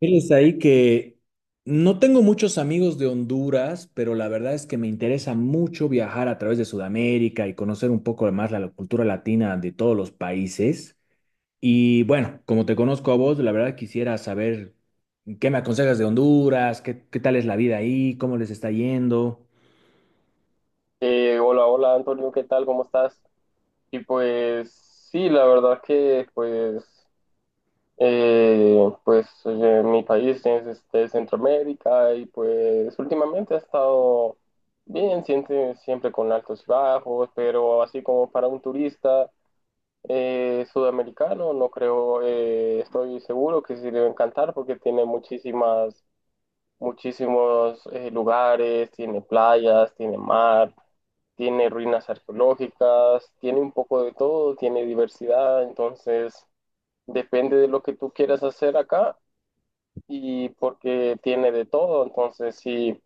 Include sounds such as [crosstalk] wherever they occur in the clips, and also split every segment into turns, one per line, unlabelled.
Fíjense ahí que no tengo muchos amigos de Honduras, pero la verdad es que me interesa mucho viajar a través de Sudamérica y conocer un poco más la cultura latina de todos los países. Y bueno, como te conozco a vos, la verdad quisiera saber qué me aconsejas de Honduras, qué tal es la vida ahí, cómo les está yendo.
Hola, hola Antonio, ¿qué tal? ¿Cómo estás? Y pues sí, la verdad que eh, pues mi país es este, Centroamérica, y pues últimamente ha estado bien, siempre con altos y bajos, pero así como para un turista sudamericano, no creo, estoy seguro que sí le va a encantar, porque tiene muchísimos lugares, tiene playas, tiene mar, tiene ruinas arqueológicas, tiene un poco de todo, tiene diversidad. Entonces depende de lo que tú quieras hacer acá, y porque tiene de todo, entonces sí,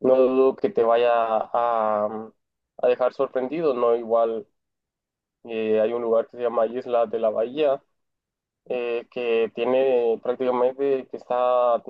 no dudo que te a dejar sorprendido, ¿no? Igual hay un lugar que se llama Isla de la Bahía, que tiene que está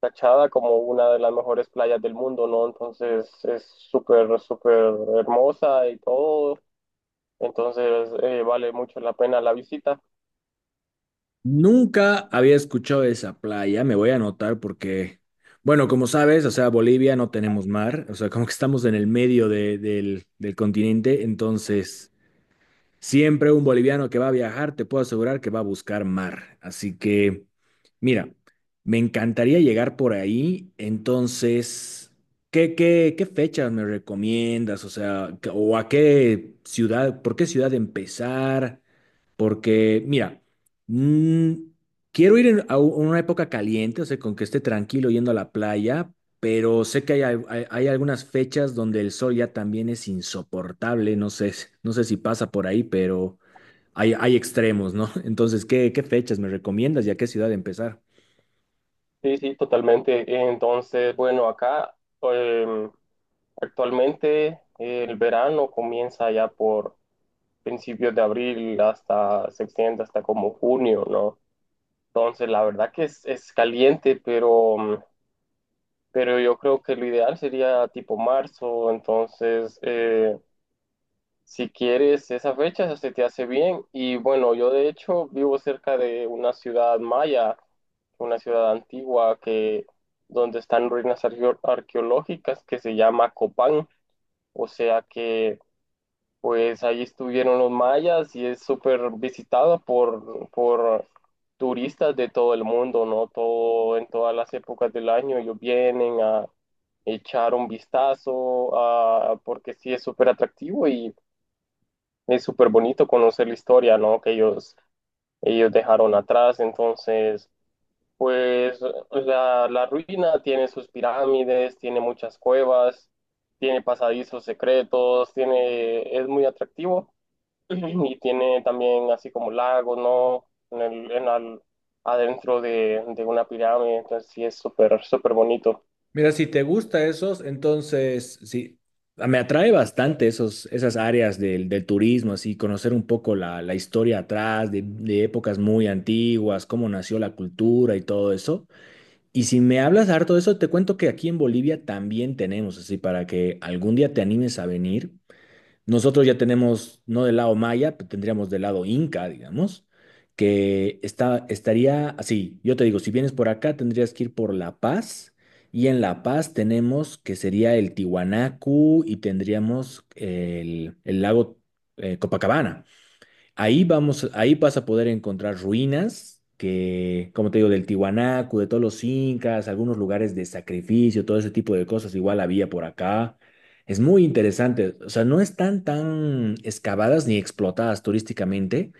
tachada como una de las mejores playas del mundo, ¿no? Entonces es súper, súper hermosa y todo. Entonces, vale mucho la pena la visita.
Nunca había escuchado de esa playa, me voy a anotar porque, bueno, como sabes, o sea, Bolivia no tenemos mar, o sea, como que estamos en el del continente, entonces siempre un boliviano que va a viajar, te puedo asegurar que va a buscar mar. Así que, mira, me encantaría llegar por ahí, entonces, ¿qué fechas me recomiendas? O sea, ¿o a qué ciudad, por qué ciudad empezar? Porque, mira, mm, quiero ir a una época caliente, o sea, con que esté tranquilo yendo a la playa, pero sé que hay algunas fechas donde el sol ya también es insoportable, no sé, [laughs] no sé si pasa por ahí, pero hay extremos, ¿no? [laughs] Entonces, ¿qué fechas me recomiendas y a qué ciudad empezar?
Sí, sí, totalmente. Entonces, bueno, acá em, actualmente el verano comienza ya por principios de abril, hasta se extiende hasta como junio, ¿no? Entonces la verdad que es caliente, pero, pero yo creo que lo ideal sería tipo marzo. Si quieres esa fecha, se te hace bien. Y bueno, yo de hecho vivo cerca de una ciudad maya, una ciudad antigua, que donde están ruinas arqueológicas, que se llama Copán. O sea que pues ahí estuvieron los mayas, y es súper visitada por turistas de todo el mundo, ¿no? Todo, en todas las épocas del año ellos vienen a echar un vistazo, a, porque sí es súper atractivo, y es súper bonito conocer la historia, ¿no? Que ellos dejaron atrás. Entonces pues la ruina tiene sus pirámides, tiene muchas cuevas, tiene pasadizos secretos, tiene, es muy atractivo, [clears throat] y tiene también así como lagos, ¿no? En el, en al- Adentro de una pirámide. Entonces sí, es súper, súper bonito.
Mira, si te gusta esos, entonces sí, me atrae bastante esos, esas áreas del turismo, así, conocer un poco la historia atrás, de épocas muy antiguas, cómo nació la cultura y todo eso. Y si me hablas harto de eso, te cuento que aquí en Bolivia también tenemos, así, para que algún día te animes a venir. Nosotros ya tenemos, no del lado maya, pero tendríamos del lado inca, digamos, que está, estaría así. Yo te digo, si vienes por acá, tendrías que ir por La Paz. Y en La Paz tenemos que sería el Tiwanaku y tendríamos el lago Copacabana. Ahí vamos, ahí vas a poder encontrar ruinas que, como te digo, del Tiwanaku, de todos los incas, algunos lugares de sacrificio, todo ese tipo de cosas igual había por acá. Es muy interesante, o sea, no están tan excavadas ni explotadas turísticamente,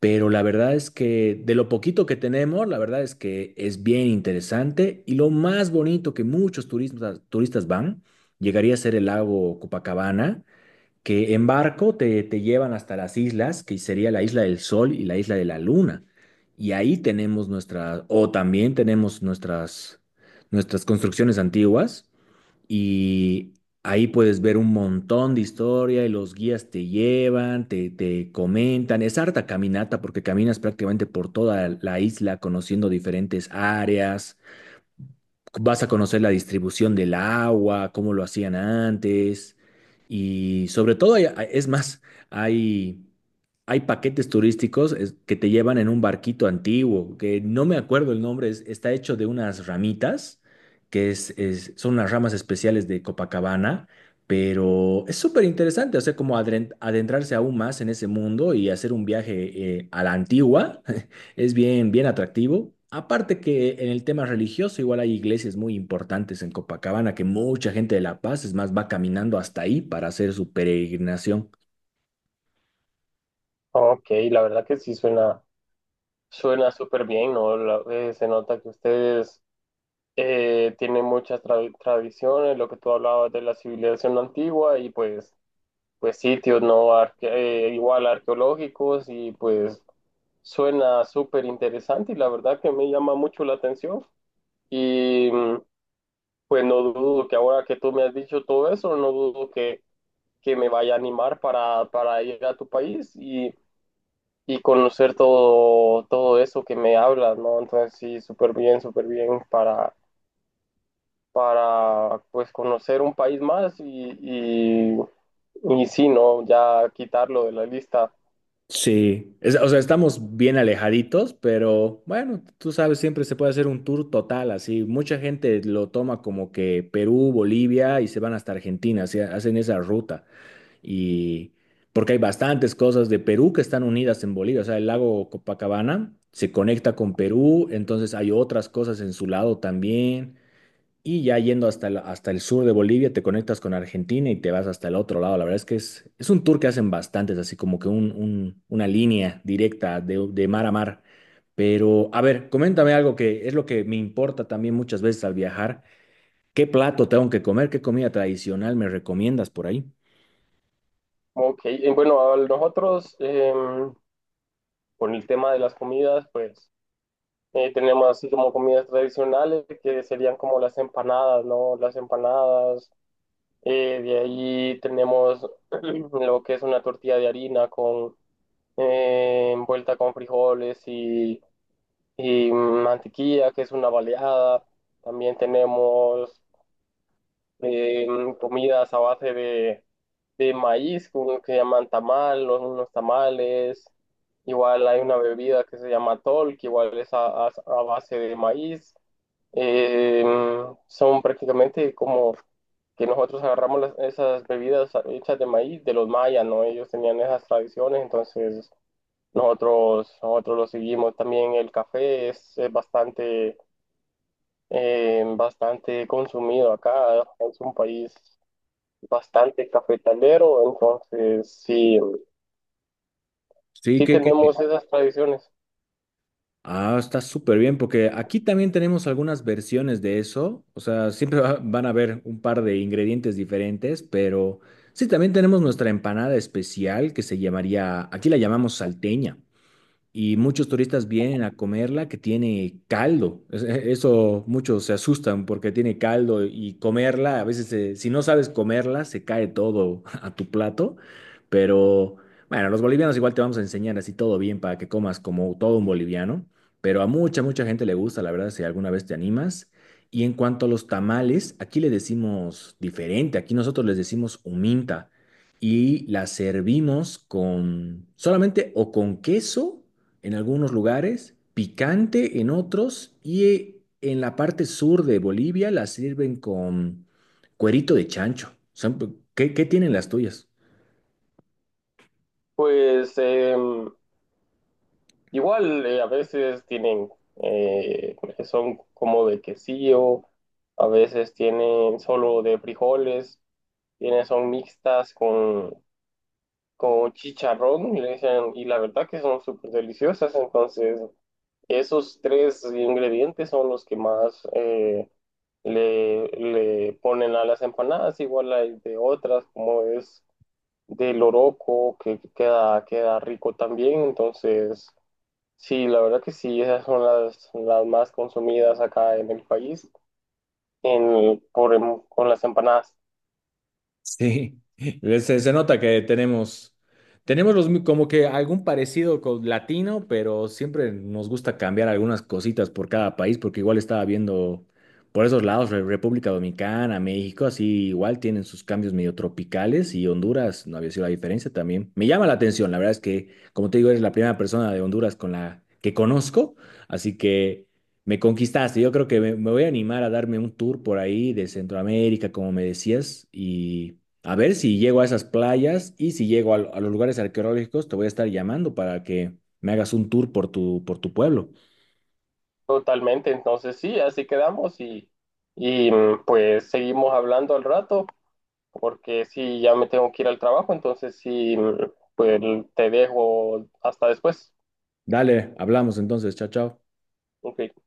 pero la verdad es que de lo poquito que tenemos, la verdad es que es bien interesante y lo más bonito que muchos turistas, turistas van, llegaría a ser el lago Copacabana que en barco te llevan hasta las islas, que sería la isla del Sol y la isla de la Luna. Y ahí tenemos nuestras, o también tenemos nuestras, nuestras construcciones antiguas. Y ahí puedes ver un montón de historia y los guías te llevan, te comentan. Es harta caminata porque caminas prácticamente por toda la isla conociendo diferentes áreas, vas a conocer la distribución del agua, cómo lo hacían antes y sobre todo, es más, hay, hay paquetes turísticos que te llevan en un barquito antiguo, que no me acuerdo el nombre, está hecho de unas ramitas, que son unas ramas especiales de Copacabana. Pero es súper interesante, o sea, como adentrarse aún más en ese mundo y hacer un viaje a la antigua. [laughs] Es bien, bien atractivo. Aparte que en el tema religioso, igual hay iglesias muy importantes en Copacabana que mucha gente de La Paz, es más, va caminando hasta ahí para hacer su peregrinación.
Ok, la verdad que sí suena, suena súper bien, ¿no? Se nota que ustedes tiene muchas tradiciones, lo que tú hablabas de la civilización antigua, y pues, pues sitios no Arque- igual arqueológicos, y pues suena súper interesante, y la verdad que me llama mucho la atención, y pues no dudo que, ahora que tú me has dicho todo eso, no que me vaya a animar para ir a tu país, y conocer todo, todo eso que me hablas, ¿no? Entonces sí, súper bien para pues conocer un país más, y sí, ¿no? Ya quitarlo de la lista.
Sí, o sea, estamos bien alejaditos, pero bueno, tú sabes, siempre se puede hacer un tour total, así. Mucha gente lo toma como que Perú, Bolivia y se van hasta Argentina, así, hacen esa ruta. Y porque hay bastantes cosas de Perú que están unidas en Bolivia. O sea, el lago Copacabana se conecta con Perú, entonces hay otras cosas en su lado también. Y ya yendo hasta el sur de Bolivia, te conectas con Argentina y te vas hasta el otro lado. La verdad es que es un tour que hacen bastantes, así como que una línea directa de mar a mar. Pero, a ver, coméntame algo que es lo que me importa también muchas veces al viajar. ¿Qué plato tengo que comer? ¿Qué comida tradicional me recomiendas por ahí?
Ok, y bueno, a nosotros con el tema de las comidas, pues tenemos así como comidas tradicionales que serían como las empanadas, ¿no? Las empanadas, de ahí tenemos [clears throat] lo que es una tortilla de harina con envuelta con frijoles, y mantequilla, que es una baleada. También tenemos eh, comidas a base de maíz, unos que llaman tamal, unos tamales. Igual hay una bebida que se llama tol, que igual es a base de maíz. Eh, Son prácticamente como que nosotros agarramos esas bebidas hechas de maíz de los mayas, ¿no? Ellos tenían esas tradiciones, entonces nosotros lo seguimos. También el café es bastante, bastante consumido acá, es un país bastante cafetalero, entonces sí,
Sí,
sí
¿qué?
tenemos esas tradiciones.
Ah, está súper bien, porque aquí también tenemos algunas versiones de eso. O sea, siempre van a haber un par de ingredientes diferentes, pero sí, también tenemos nuestra empanada especial que se llamaría, aquí la llamamos salteña, y muchos turistas vienen a comerla que tiene caldo. Eso muchos se asustan porque tiene caldo y comerla, a veces si no sabes comerla, se cae todo [laughs] a tu plato, pero bueno, los bolivianos igual te vamos a enseñar así todo bien para que comas como todo un boliviano, pero a mucha gente le gusta, la verdad, si alguna vez te animas. Y en cuanto a los tamales, aquí le decimos diferente, aquí nosotros les decimos huminta y la servimos con solamente o con queso en algunos lugares, picante en otros y en la parte sur de Bolivia la sirven con cuerito de chancho. ¿Qué tienen las tuyas?
Pues igual a veces tienen, eh, son como de quesillo, a veces tienen solo de frijoles, tienen, son mixtas con chicharrón, le dicen, y la verdad que son súper deliciosas. Entonces esos tres ingredientes son los que más le, le ponen a las empanadas. Igual hay de otras, como es del oroco, que queda, queda rico también. Entonces sí, la verdad que sí, esas son las más consumidas acá en el país, con las empanadas.
Sí, [laughs] se nota que tenemos los, como que algún parecido con latino, pero siempre nos gusta cambiar algunas cositas por cada país, porque igual estaba viendo por esos lados, República Dominicana, México, así igual tienen sus cambios medio tropicales y Honduras no había sido la diferencia también. Me llama la atención, la verdad es que, como te digo, eres la primera persona de Honduras con la que conozco, así que... Me conquistaste, yo creo que me voy a animar a darme un tour por ahí de Centroamérica, como me decías, a ver si llego a esas playas y si llego a, a los lugares arqueológicos, te voy a estar llamando para que me hagas un tour por por tu pueblo.
Totalmente, entonces sí, así quedamos, y pues seguimos hablando al rato, porque sí, ya me tengo que ir al trabajo, entonces sí, pues te dejo hasta después.
Dale, hablamos entonces. Chao, chao.
Ok.